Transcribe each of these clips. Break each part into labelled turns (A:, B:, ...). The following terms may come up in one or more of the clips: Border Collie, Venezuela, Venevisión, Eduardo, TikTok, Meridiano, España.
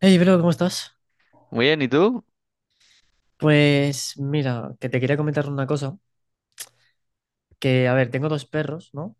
A: Hey, bro, ¿cómo estás?
B: Muy bien, ¿y tú?
A: Pues mira, que te quería comentar una cosa, que a ver, tengo dos perros, ¿no? O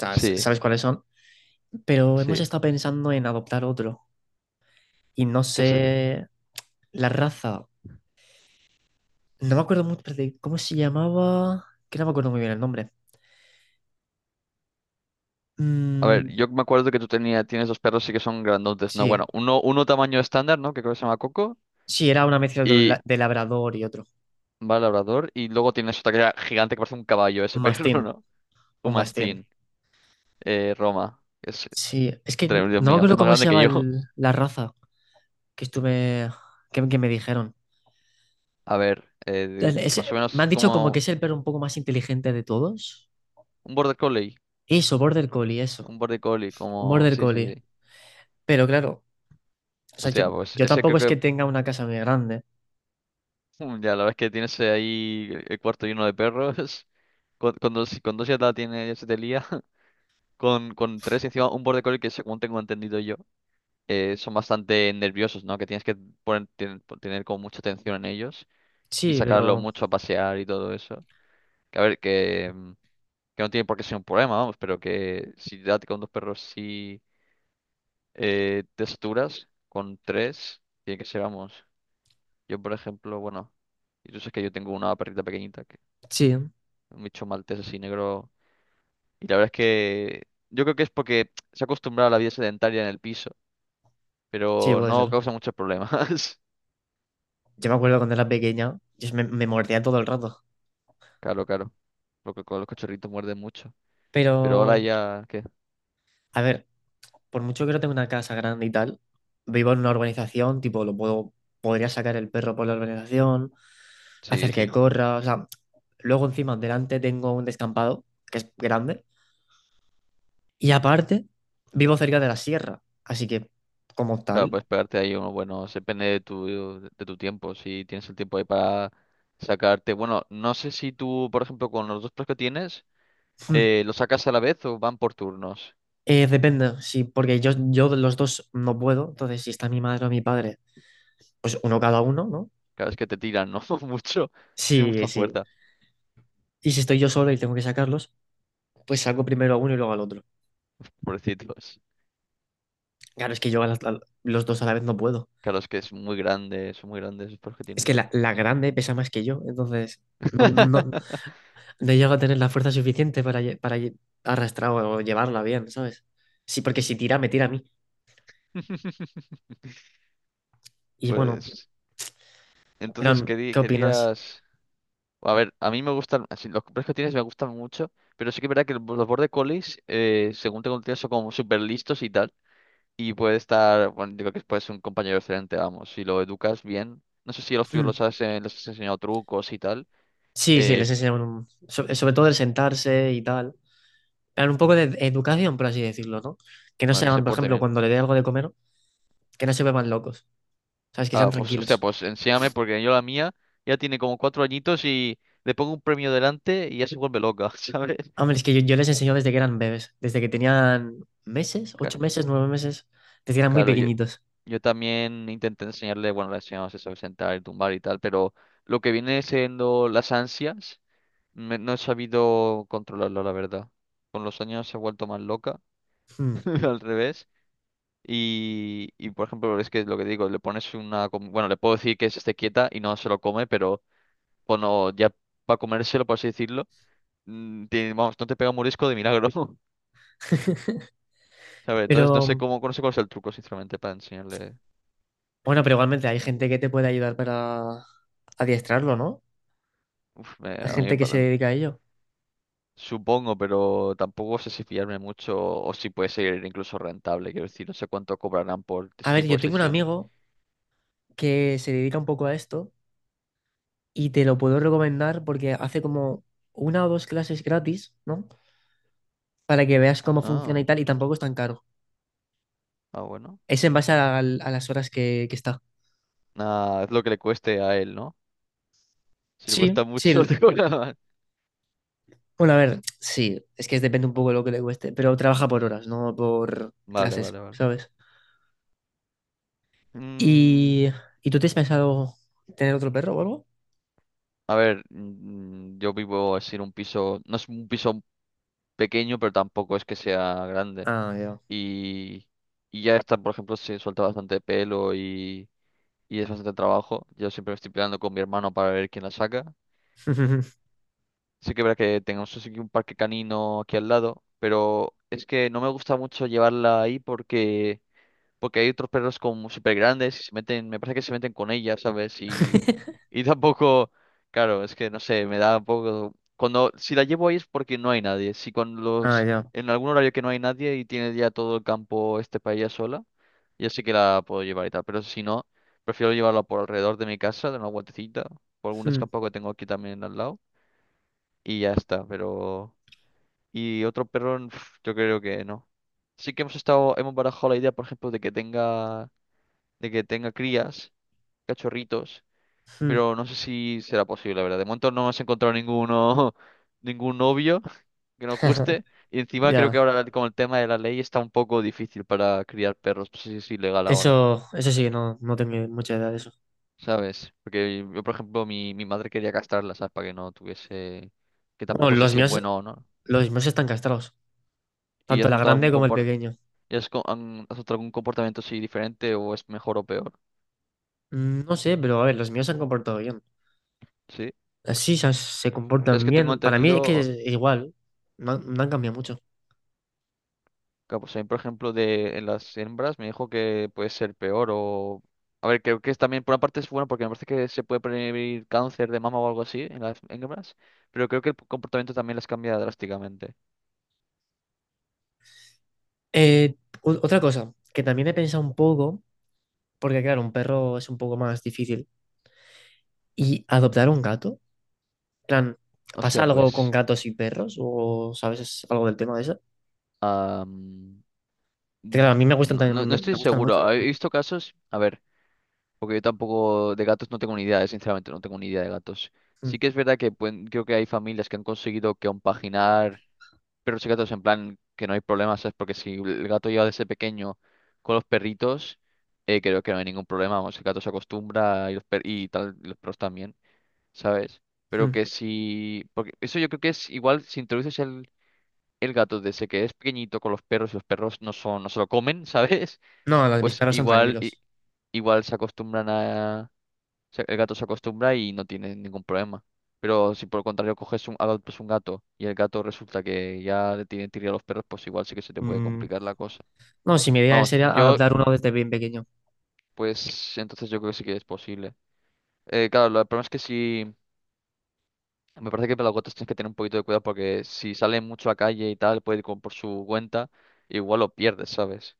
A: sea,
B: Sí,
A: sabes cuáles son, pero hemos
B: sí.
A: estado pensando en adoptar otro y no
B: ¿Qué es el que-
A: sé la raza. No me acuerdo mucho de cómo se llamaba, que no me acuerdo muy bien el nombre.
B: A ver,
A: Mm,
B: yo me acuerdo que tú tienes dos perros sí que son grandotes, ¿no?
A: sí,
B: Bueno, uno tamaño estándar, ¿no? Que creo que se llama Coco.
A: sí, era una mezcla de,
B: Y
A: de labrador y otro,
B: va el labrador. Y luego tienes otra que era gigante que parece un caballo, ese
A: un
B: perro,
A: mastín,
B: ¿no? Un
A: un mastín.
B: mastín. Roma. Es
A: Sí, es que
B: tremendo, Dios
A: no me
B: mío. Es
A: acuerdo
B: más
A: cómo se
B: grande que
A: llama
B: yo.
A: la raza que estuve, que me dijeron.
B: A ver,
A: El- es-
B: más o menos
A: Me
B: es
A: han dicho como que
B: como
A: es el perro un poco más inteligente de todos.
B: un border collie.
A: Eso, Border Collie, eso.
B: Un border collie,
A: Un
B: como...
A: Border
B: Sí, sí,
A: Collie.
B: sí.
A: Pero claro, o sea,
B: Hostia, pues
A: yo
B: ese
A: tampoco
B: creo
A: es que
B: que...
A: tenga una casa muy grande.
B: Mm, ya, la verdad es que tienes ahí el cuarto lleno de perros. Con dos, si con dos ya la tiene, ya se te lía. Con tres, encima un border collie que, según tengo entendido yo, son bastante nerviosos, ¿no? Que tienes que tener como mucha atención en ellos y
A: Sí,
B: sacarlo
A: pero
B: mucho a pasear y todo eso. Que a ver, que no tiene por qué ser un problema, vamos, pero que si date con dos perros sí te saturas, con tres tiene que ser, vamos. Yo, por ejemplo, bueno, y tú sabes que yo tengo una perrita pequeñita, que,
A: sí,
B: un bicho maltés así negro. Y la verdad es que yo creo que es porque se ha acostumbrado a la vida sedentaria en el piso,
A: sí,
B: pero
A: puede
B: no
A: ser.
B: causa muchos problemas.
A: Yo me acuerdo cuando era pequeña, me mordía todo el rato.
B: Claro, claro. Lo que con los cachorritos muerden mucho. Pero ahora
A: Pero,
B: ya, ¿qué?
A: a ver, por mucho que no tenga una casa grande y tal, vivo en una urbanización, tipo, podría sacar el perro por la urbanización,
B: Sí,
A: hacer que
B: sí.
A: corra, o sea, luego encima delante tengo un descampado que es grande. Y aparte, vivo cerca de la sierra, así que como
B: Claro,
A: tal,
B: puedes pegarte ahí uno bueno, depende de tu tiempo, si tienes el tiempo ahí para sacarte. Bueno, no sé si tú, por ejemplo, con los dos perros que tienes,
A: mm,
B: ¿los sacas a la vez o van por turnos?
A: depende, sí, porque yo de los dos no puedo, entonces si está mi madre o mi padre, pues uno cada uno, ¿no?
B: Claro, es que te tiran, ¿no? Mucho. Tienen
A: Sí,
B: mucha
A: sí.
B: fuerza,
A: Y si estoy yo solo y tengo que sacarlos, pues saco primero a uno y luego al otro.
B: pobrecitos.
A: Claro, es que yo a los dos a la vez no puedo.
B: Claro, es que es muy grande, son muy grandes los perros que
A: Es que
B: tienes.
A: la grande pesa más que yo, entonces no, no, no- no llego a tener la fuerza suficiente para, arrastrar o llevarla bien, ¿sabes? Sí, porque si tira, me tira a mí. Y bueno,
B: Pues entonces
A: Fran, ¿qué opinas?
B: querías... A ver, a mí me gustan, así, los colores que tienes me gustan mucho, pero sí que es verdad que los border collies, según tengo entendido, son como súper listos y tal, y puede estar, bueno, yo creo que puede ser un compañero excelente, vamos, si lo educas bien. No sé si a los tuyos los has, les has enseñado trucos y tal,
A: Sí, sí,
B: eh,
A: sobre, sobre todo el sentarse y tal. Dan un poco de educación, por así decirlo, ¿no? Que no
B: bueno, que se
A: sean, por
B: porte
A: ejemplo,
B: bien.
A: cuando le dé algo de comer, que no se vuelvan locos, ¿sabes? Que sean
B: Ah, pues, hostia,
A: tranquilos.
B: pues enséñame, porque yo la mía ya tiene como cuatro añitos y le pongo un premio delante y ya se vuelve loca, ¿sabes?
A: Hombre, es que yo les enseño desde que eran bebés, desde que tenían meses,
B: Ca-
A: 8 meses, 9 meses, desde que eran muy
B: Claro, yo,
A: pequeñitos.
B: Yo también intenté enseñarle, bueno, le enseñamos eso, sentar y tumbar y tal, pero lo que viene siendo las ansias, no he sabido controlarlo, la verdad. Con los años se ha vuelto más loca,
A: Hmm.
B: al revés. Y, por ejemplo, es que lo que digo, le pones una... Bueno, le puedo decir que se esté quieta y no se lo come, pero bueno, ya para comérselo, por así decirlo, vamos, no te pega un morisco de milagro, ¿sabes? Entonces no sé
A: Pero,
B: cómo, no sé cuál es el truco, sinceramente, para enseñarle.
A: bueno, pero igualmente hay gente que te puede ayudar para adiestrarlo, ¿no?
B: Uf,
A: Hay
B: a mí.
A: gente que se dedica a ello.
B: Supongo, pero tampoco sé si fiarme mucho o si puede ser incluso rentable. Quiero decir, no sé cuánto cobrarán por este
A: A ver,
B: tipo
A: yo
B: de
A: tengo un
B: sesiones.
A: amigo que se dedica un poco a esto y te lo puedo recomendar porque hace como una o dos clases gratis, ¿no? Para que veas cómo funciona
B: Ah,
A: y tal, y tampoco es tan caro.
B: ah, bueno.
A: Es en base a las horas que está.
B: Nada, es lo que le cueste a él, ¿no? Si le
A: Sí,
B: cuesta
A: sí.
B: mucho, te cobra más.
A: Bueno, a ver, sí, es que depende un poco de lo que le cueste, pero trabaja por horas, no por
B: Vale,
A: clases,
B: vale, vale.
A: ¿sabes?
B: Mm,
A: ¿Y, ¿Y tú te has pensado tener otro perro o algo?
B: a ver, yo vivo así en un piso, no es un piso pequeño, pero tampoco es que sea grande.
A: Ah, ya.
B: Y, y ya está, por ejemplo, se suelta bastante pelo y es bastante trabajo. Yo siempre me estoy peleando con mi hermano para ver quién la saca. Sí que es verdad que tenemos así que un parque canino aquí al lado, pero es que no me gusta mucho llevarla ahí porque hay otros perros como súper grandes y se meten, me parece que se meten con ella, ¿sabes? Y tampoco, claro, es que no sé, me da un poco... Cuando, si la llevo ahí es porque no hay nadie. Si con
A: Ah,
B: los,
A: ya.
B: en algún horario que no hay nadie y tiene ya todo el campo este para ella sola, ya sí que la puedo llevar y tal, pero si no, prefiero llevarla por alrededor de mi casa, de una vueltecita, por algún
A: Hmm,
B: descampado que tengo aquí también al lado y ya está, pero... Y otro perro, yo creo que no. Sí que hemos estado, hemos barajado la idea, por ejemplo, de que tenga crías, cachorritos,
A: hmm.
B: pero no sé si será posible, la verdad. De momento no hemos encontrado ninguno, ningún novio que nos guste, y encima creo que
A: Ya.
B: ahora con el tema de la ley está un poco difícil para criar perros, no sé si es ilegal ahora,
A: Eso sí, no, no tengo mucha idea de eso.
B: ¿sabes? Porque yo, por ejemplo, mi madre quería castrarla, ¿sabes? Para que no tuviese, que
A: Bueno,
B: tampoco sé si es bueno o no.
A: los míos están castrados.
B: ¿Y
A: Tanto
B: has
A: la
B: notado
A: grande
B: algún
A: como el
B: comportamiento?
A: pequeño.
B: ¿Han adoptado algún comportamiento así diferente o es mejor o peor?
A: No sé, pero a ver, los míos se han comportado bien.
B: ¿Sí?
A: Así se
B: Yo es
A: comportan
B: que tengo
A: bien. Para mí es que
B: entendido,
A: es igual. No, han no han cambiado mucho.
B: Kaposain, por ejemplo, de en las hembras me dijo que puede ser peor o... A ver, creo que es también, por una parte es bueno porque me parece que se puede prevenir cáncer de mama o algo así en las hembras, pero creo que el comportamiento también las cambia drásticamente.
A: Eh, otra cosa, que también he pensado un poco, porque claro, un perro es un poco más difícil. ¿Y adoptar un gato? En plan, ¿pasa
B: Hostia,
A: algo con
B: pues...
A: gatos y perros? ¿O sabes algo del tema de eso?
B: am,
A: Que, claro, a
B: uf,
A: mí me gustan
B: no,
A: también,
B: no estoy
A: me gustan mucho
B: seguro.
A: los
B: He
A: gatos.
B: visto casos, a ver. Porque yo tampoco de gatos no tengo ni idea, sinceramente, no tengo ni idea de gatos.
A: Mm,
B: Sí que es verdad que creo que hay familias que han conseguido compaginar perros y gatos en plan que no hay problemas, ¿sabes? Porque si el gato lleva desde pequeño con los perritos, creo que no hay ningún problema, vamos, el gato se acostumbra y y tal, y los perros también, ¿sabes? Pero
A: mm.
B: que si... Porque eso yo creo que es igual si introduces el gato desde que es pequeñito con los perros y los perros no son, no se lo comen, ¿sabes?
A: No, mis
B: Pues
A: perros son
B: igual, i-
A: tranquilos.
B: igual se acostumbran a el gato se acostumbra y no tiene ningún problema. Pero si por el contrario coges un, pues un gato y el gato resulta que ya le tiene tirria a los perros, pues igual sí que se te puede
A: Mm,
B: complicar la cosa.
A: No, si mi idea
B: Vamos,
A: sería
B: yo,
A: adoptar uno desde bien pequeño.
B: pues entonces yo creo que sí que es posible. Claro, el problema es que si... Me parece que para los gatos tienes que tener un poquito de cuidado porque si sale mucho a calle y tal, puede ir como por su cuenta, igual lo pierdes, ¿sabes?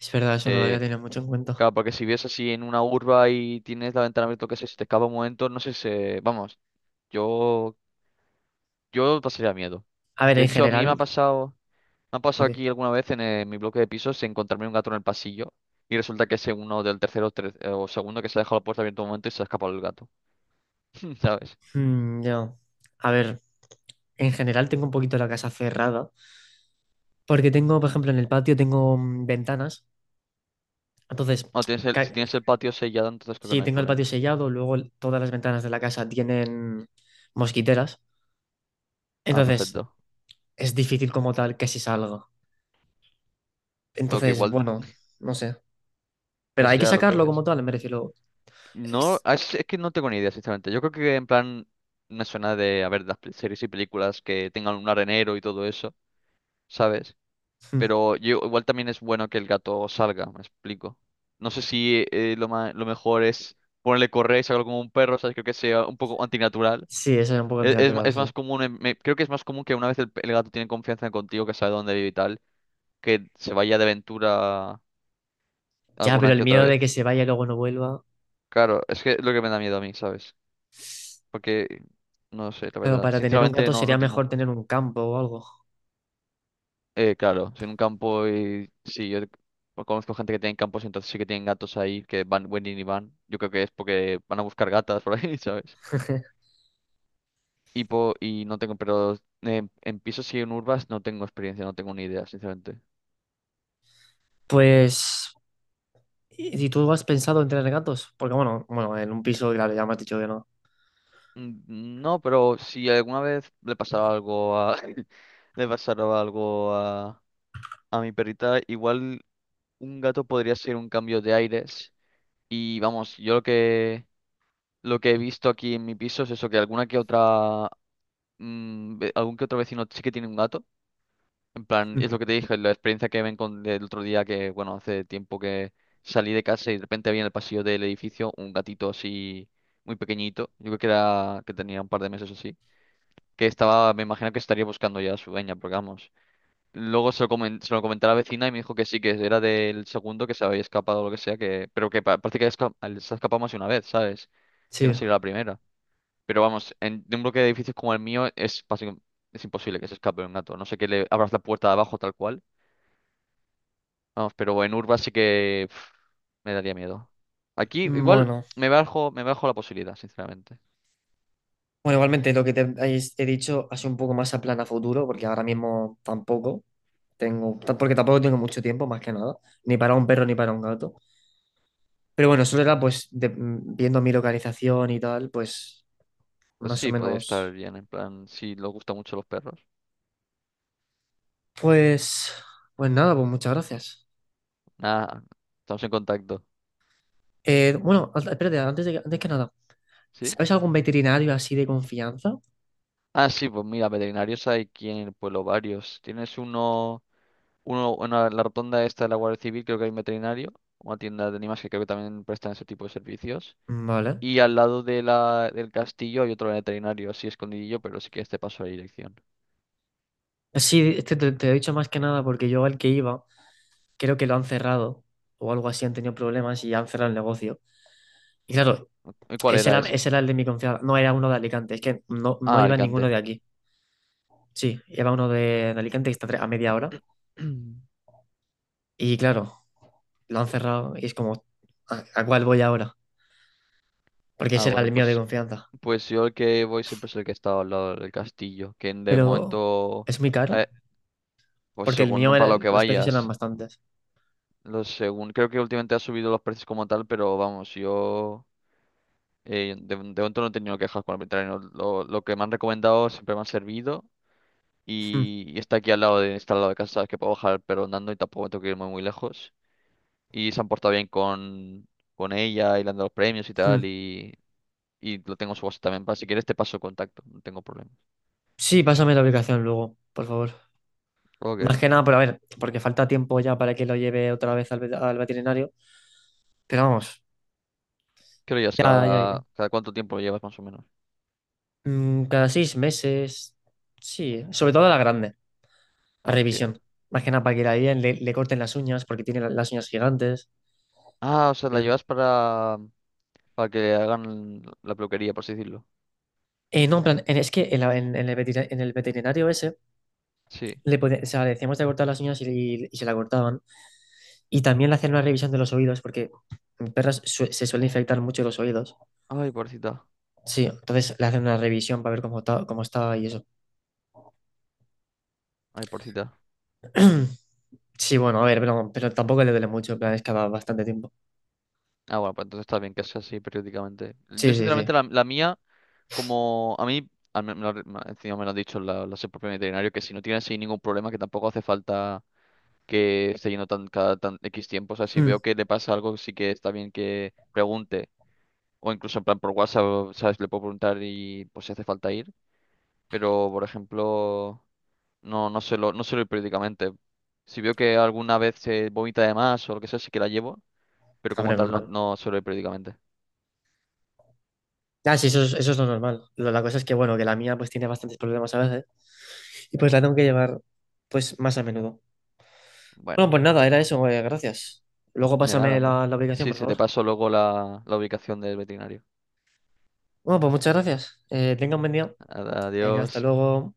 A: Es verdad, eso no lo había
B: Eh,
A: tenido mucho en cuenta.
B: claro, porque si vives así en una urba y tienes la ventana abierta, o qué sé, si te escapa un momento, no sé si... Vamos, yo Yo pasaría miedo.
A: A ver,
B: De
A: en
B: hecho, a mí
A: general,
B: me ha pasado
A: joder,
B: aquí alguna vez en mi bloque de pisos encontrarme un gato en el pasillo y resulta que es uno del tercero o segundo que se ha dejado la puerta abierta un momento y se ha escapado el gato, ¿sabes?
A: mm, yo, a ver, en general tengo un poquito la casa cerrada, porque tengo, por ejemplo, en el patio tengo ventanas, entonces,
B: O tienes el,
A: ca-
B: si tienes el patio sellado, entonces creo que
A: sí,
B: no hay
A: tengo el patio
B: problema.
A: sellado, luego todas las ventanas de la casa tienen mosquiteras,
B: Ah,
A: entonces
B: perfecto.
A: es difícil como tal que se salga.
B: Bueno, que
A: Entonces,
B: igual
A: bueno, no sé, pero
B: es
A: hay que
B: ya lo que
A: sacarlo como
B: ves.
A: tal, me refiero.
B: No,
A: es-
B: es que no tengo ni idea, sinceramente. Yo creo que en plan me suena de, a ver, las series y películas que tengan un arenero y todo eso, ¿sabes?
A: mm,
B: Pero yo, igual también es bueno que el gato salga, me explico. No sé si lo mejor es ponerle correa y sacarlo como un perro, ¿sabes? Creo que sea un poco antinatural.
A: Sí, eso es un poco
B: Es,
A: antinatural, sí.
B: más común, creo que es más común que una vez el gato tiene confianza contigo, que sabe dónde vive y tal, que se vaya de aventura
A: Ya, pero
B: alguna
A: el
B: que otra
A: miedo
B: vez.
A: de que se vaya y luego no vuelva,
B: Claro, es que es lo que me da miedo a mí, ¿sabes? Porque, no sé, la
A: claro,
B: verdad.
A: para tener un
B: Sinceramente
A: gato
B: no,
A: sería
B: no tengo...
A: mejor tener un campo o algo.
B: Claro, si en un campo y sí, yo pues conozco gente que tiene campos, entonces sí que tienen gatos ahí que van, vienen y van. Yo creo que es porque van a buscar gatas por ahí, ¿sabes? Y no tengo, pero en pisos y en urbas no tengo experiencia, no tengo ni idea, sinceramente.
A: Pues, ¿y tú has pensado en tener gatos? Porque bueno, en un piso, claro, ya me has dicho que no.
B: Mm, no, pero si alguna vez le pasaba algo a le pasara algo a mi perrita, igual un gato podría ser un cambio de aires. Y vamos, yo lo que he visto aquí en mi piso es eso, que alguna que otra algún que otro vecino sí que tiene un gato. En plan,
A: Mm,
B: es lo que te dije, la experiencia que ven con el otro día que, bueno, hace tiempo que salí de casa y de repente había en el pasillo del edificio un gatito así muy pequeñito. Yo creo que era que tenía un par de meses o así. Que estaba, me imagino que estaría buscando ya a su dueña, porque vamos. Luego se lo, se lo comenté a la vecina y me dijo que sí, que era del segundo que se había escapado o lo que sea, que, pero que parece que se ha escapado más de una vez, ¿sabes? Que no
A: Sí.
B: sería la primera. Pero vamos, en, de un bloque de edificios como el mío es básicamente es imposible que se escape un gato. No sé, que le abras la puerta de abajo tal cual. Vamos, pero en urba sí que uf, me daría miedo. Aquí igual
A: Bueno.
B: me bajo la posibilidad, sinceramente.
A: Bueno, igualmente lo que te he dicho hace un poco más a plan a futuro, porque ahora mismo tampoco porque tampoco tengo mucho tiempo, más que nada, ni para un perro ni para un gato. Pero bueno, eso era viendo mi localización y tal, pues
B: Pues
A: más o
B: sí, podría estar
A: menos.
B: bien, en plan, si les gustan mucho los perros.
A: Pues, pues nada, pues muchas gracias.
B: Nada, estamos en contacto.
A: Bueno, espérate, antes que nada,
B: ¿Sí?
A: ¿sabes algún veterinario así de confianza?
B: Ah, sí, pues mira, veterinarios hay aquí en el pueblo varios. Uno en la rotonda esta de la Guardia Civil, creo que hay un veterinario, una tienda de animales que creo que también prestan ese tipo de servicios.
A: Vale.
B: Y al lado de la, del castillo hay otro veterinario, así escondidillo, pero sí que este pasó la dirección.
A: Sí, este te he dicho más que nada porque yo al que iba, creo que lo han cerrado o algo así, han tenido problemas y han cerrado el negocio. Y claro,
B: ¿Y cuál era ese?
A: ese era el de mi confianza, no era uno de Alicante, es que no, no
B: Ah,
A: iba ninguno de
B: Alicante.
A: aquí. Sí, iba uno de Alicante que está a media hora. Y claro, lo han cerrado y es como, ¿a cuál voy ahora? Porque
B: Ah,
A: ese era
B: bueno,
A: el mío de
B: pues,
A: confianza.
B: pues yo el que voy siempre es el que está al lado del castillo, que de
A: Pero
B: momento,
A: es muy caro
B: eh, pues
A: porque el mío,
B: según para
A: era,
B: lo que
A: los precios eran
B: vayas,
A: bastantes.
B: lo según, creo que últimamente ha subido los precios como tal, pero vamos, yo de momento no he tenido quejas con el veterinario. Lo que me han recomendado siempre me ha servido.
A: Mm,
B: Y está aquí al lado está al lado de casa, sabes que puedo bajar pero andando y tampoco tengo que ir muy, muy lejos. Y se han portado bien con ella y le han dado los premios y tal
A: mm.
B: y lo tengo en su WhatsApp también. Para si quieres te paso el contacto, no tengo problema.
A: Sí, pásame la aplicación luego, por favor. Más
B: Ok.
A: que nada, pero a ver, porque falta tiempo ya para que lo lleve otra vez al veterinario. Pero vamos,
B: ¿Qué lo llevas?
A: ya iré.
B: Cada cuánto tiempo lo llevas más o menos?
A: Mm, cada 6 meses, sí, sobre todo a la grande, a
B: Ah, hostia.
A: revisión. Más que nada para que le corten las uñas, porque tiene las uñas gigantes.
B: Ah, o
A: Y
B: sea, la
A: tal.
B: llevas para que le hagan la peluquería, por así decirlo.
A: No, en plan, en- es que en, la- en el en el veterinario ese,
B: Sí.
A: o sea, le decíamos de cortar las uñas y se la cortaban. Y también le hacían una revisión de los oídos, porque en perras se suelen infectar mucho los oídos.
B: Ay, pobrecita.
A: Sí, entonces le hacen una revisión para ver cómo está y eso.
B: Ay, pobrecita.
A: Sí, bueno, a ver, pero tampoco le duele mucho, en plan, es que va bastante tiempo.
B: Ah, bueno, pues entonces está bien que sea así periódicamente. Yo,
A: Sí, sí, sí.
B: sinceramente, la mía. Como a mí, me encima me lo ha dicho la su propio veterinario, que si no tiene así ningún problema, que tampoco hace falta que esté yendo tan, cada tan X tiempo. O sea, si
A: Mm,
B: veo que le pasa algo, sí que está bien que pregunte. O incluso en plan por WhatsApp, ¿sabes? Le puedo preguntar y pues si hace falta ir. Pero, por ejemplo, no suelo ir periódicamente. Si veo que alguna vez se vomita de más o lo que sea, sí que la llevo. Pero como
A: hombre,
B: tal,
A: normal.
B: no suelo ir periódicamente.
A: Ah, sí, eso es lo normal. La cosa es que, bueno, que la mía pues tiene bastantes problemas a veces y pues la tengo que llevar pues más a menudo. Bueno,
B: Bueno,
A: pues nada, era eso, gracias. Luego
B: de nada,
A: pásame
B: hombre.
A: la aplicación,
B: Sí,
A: por
B: sí, te
A: favor.
B: paso luego la ubicación del veterinario.
A: Bueno, pues muchas gracias. Tenga un buen día. Venga, hasta
B: Adiós.
A: luego.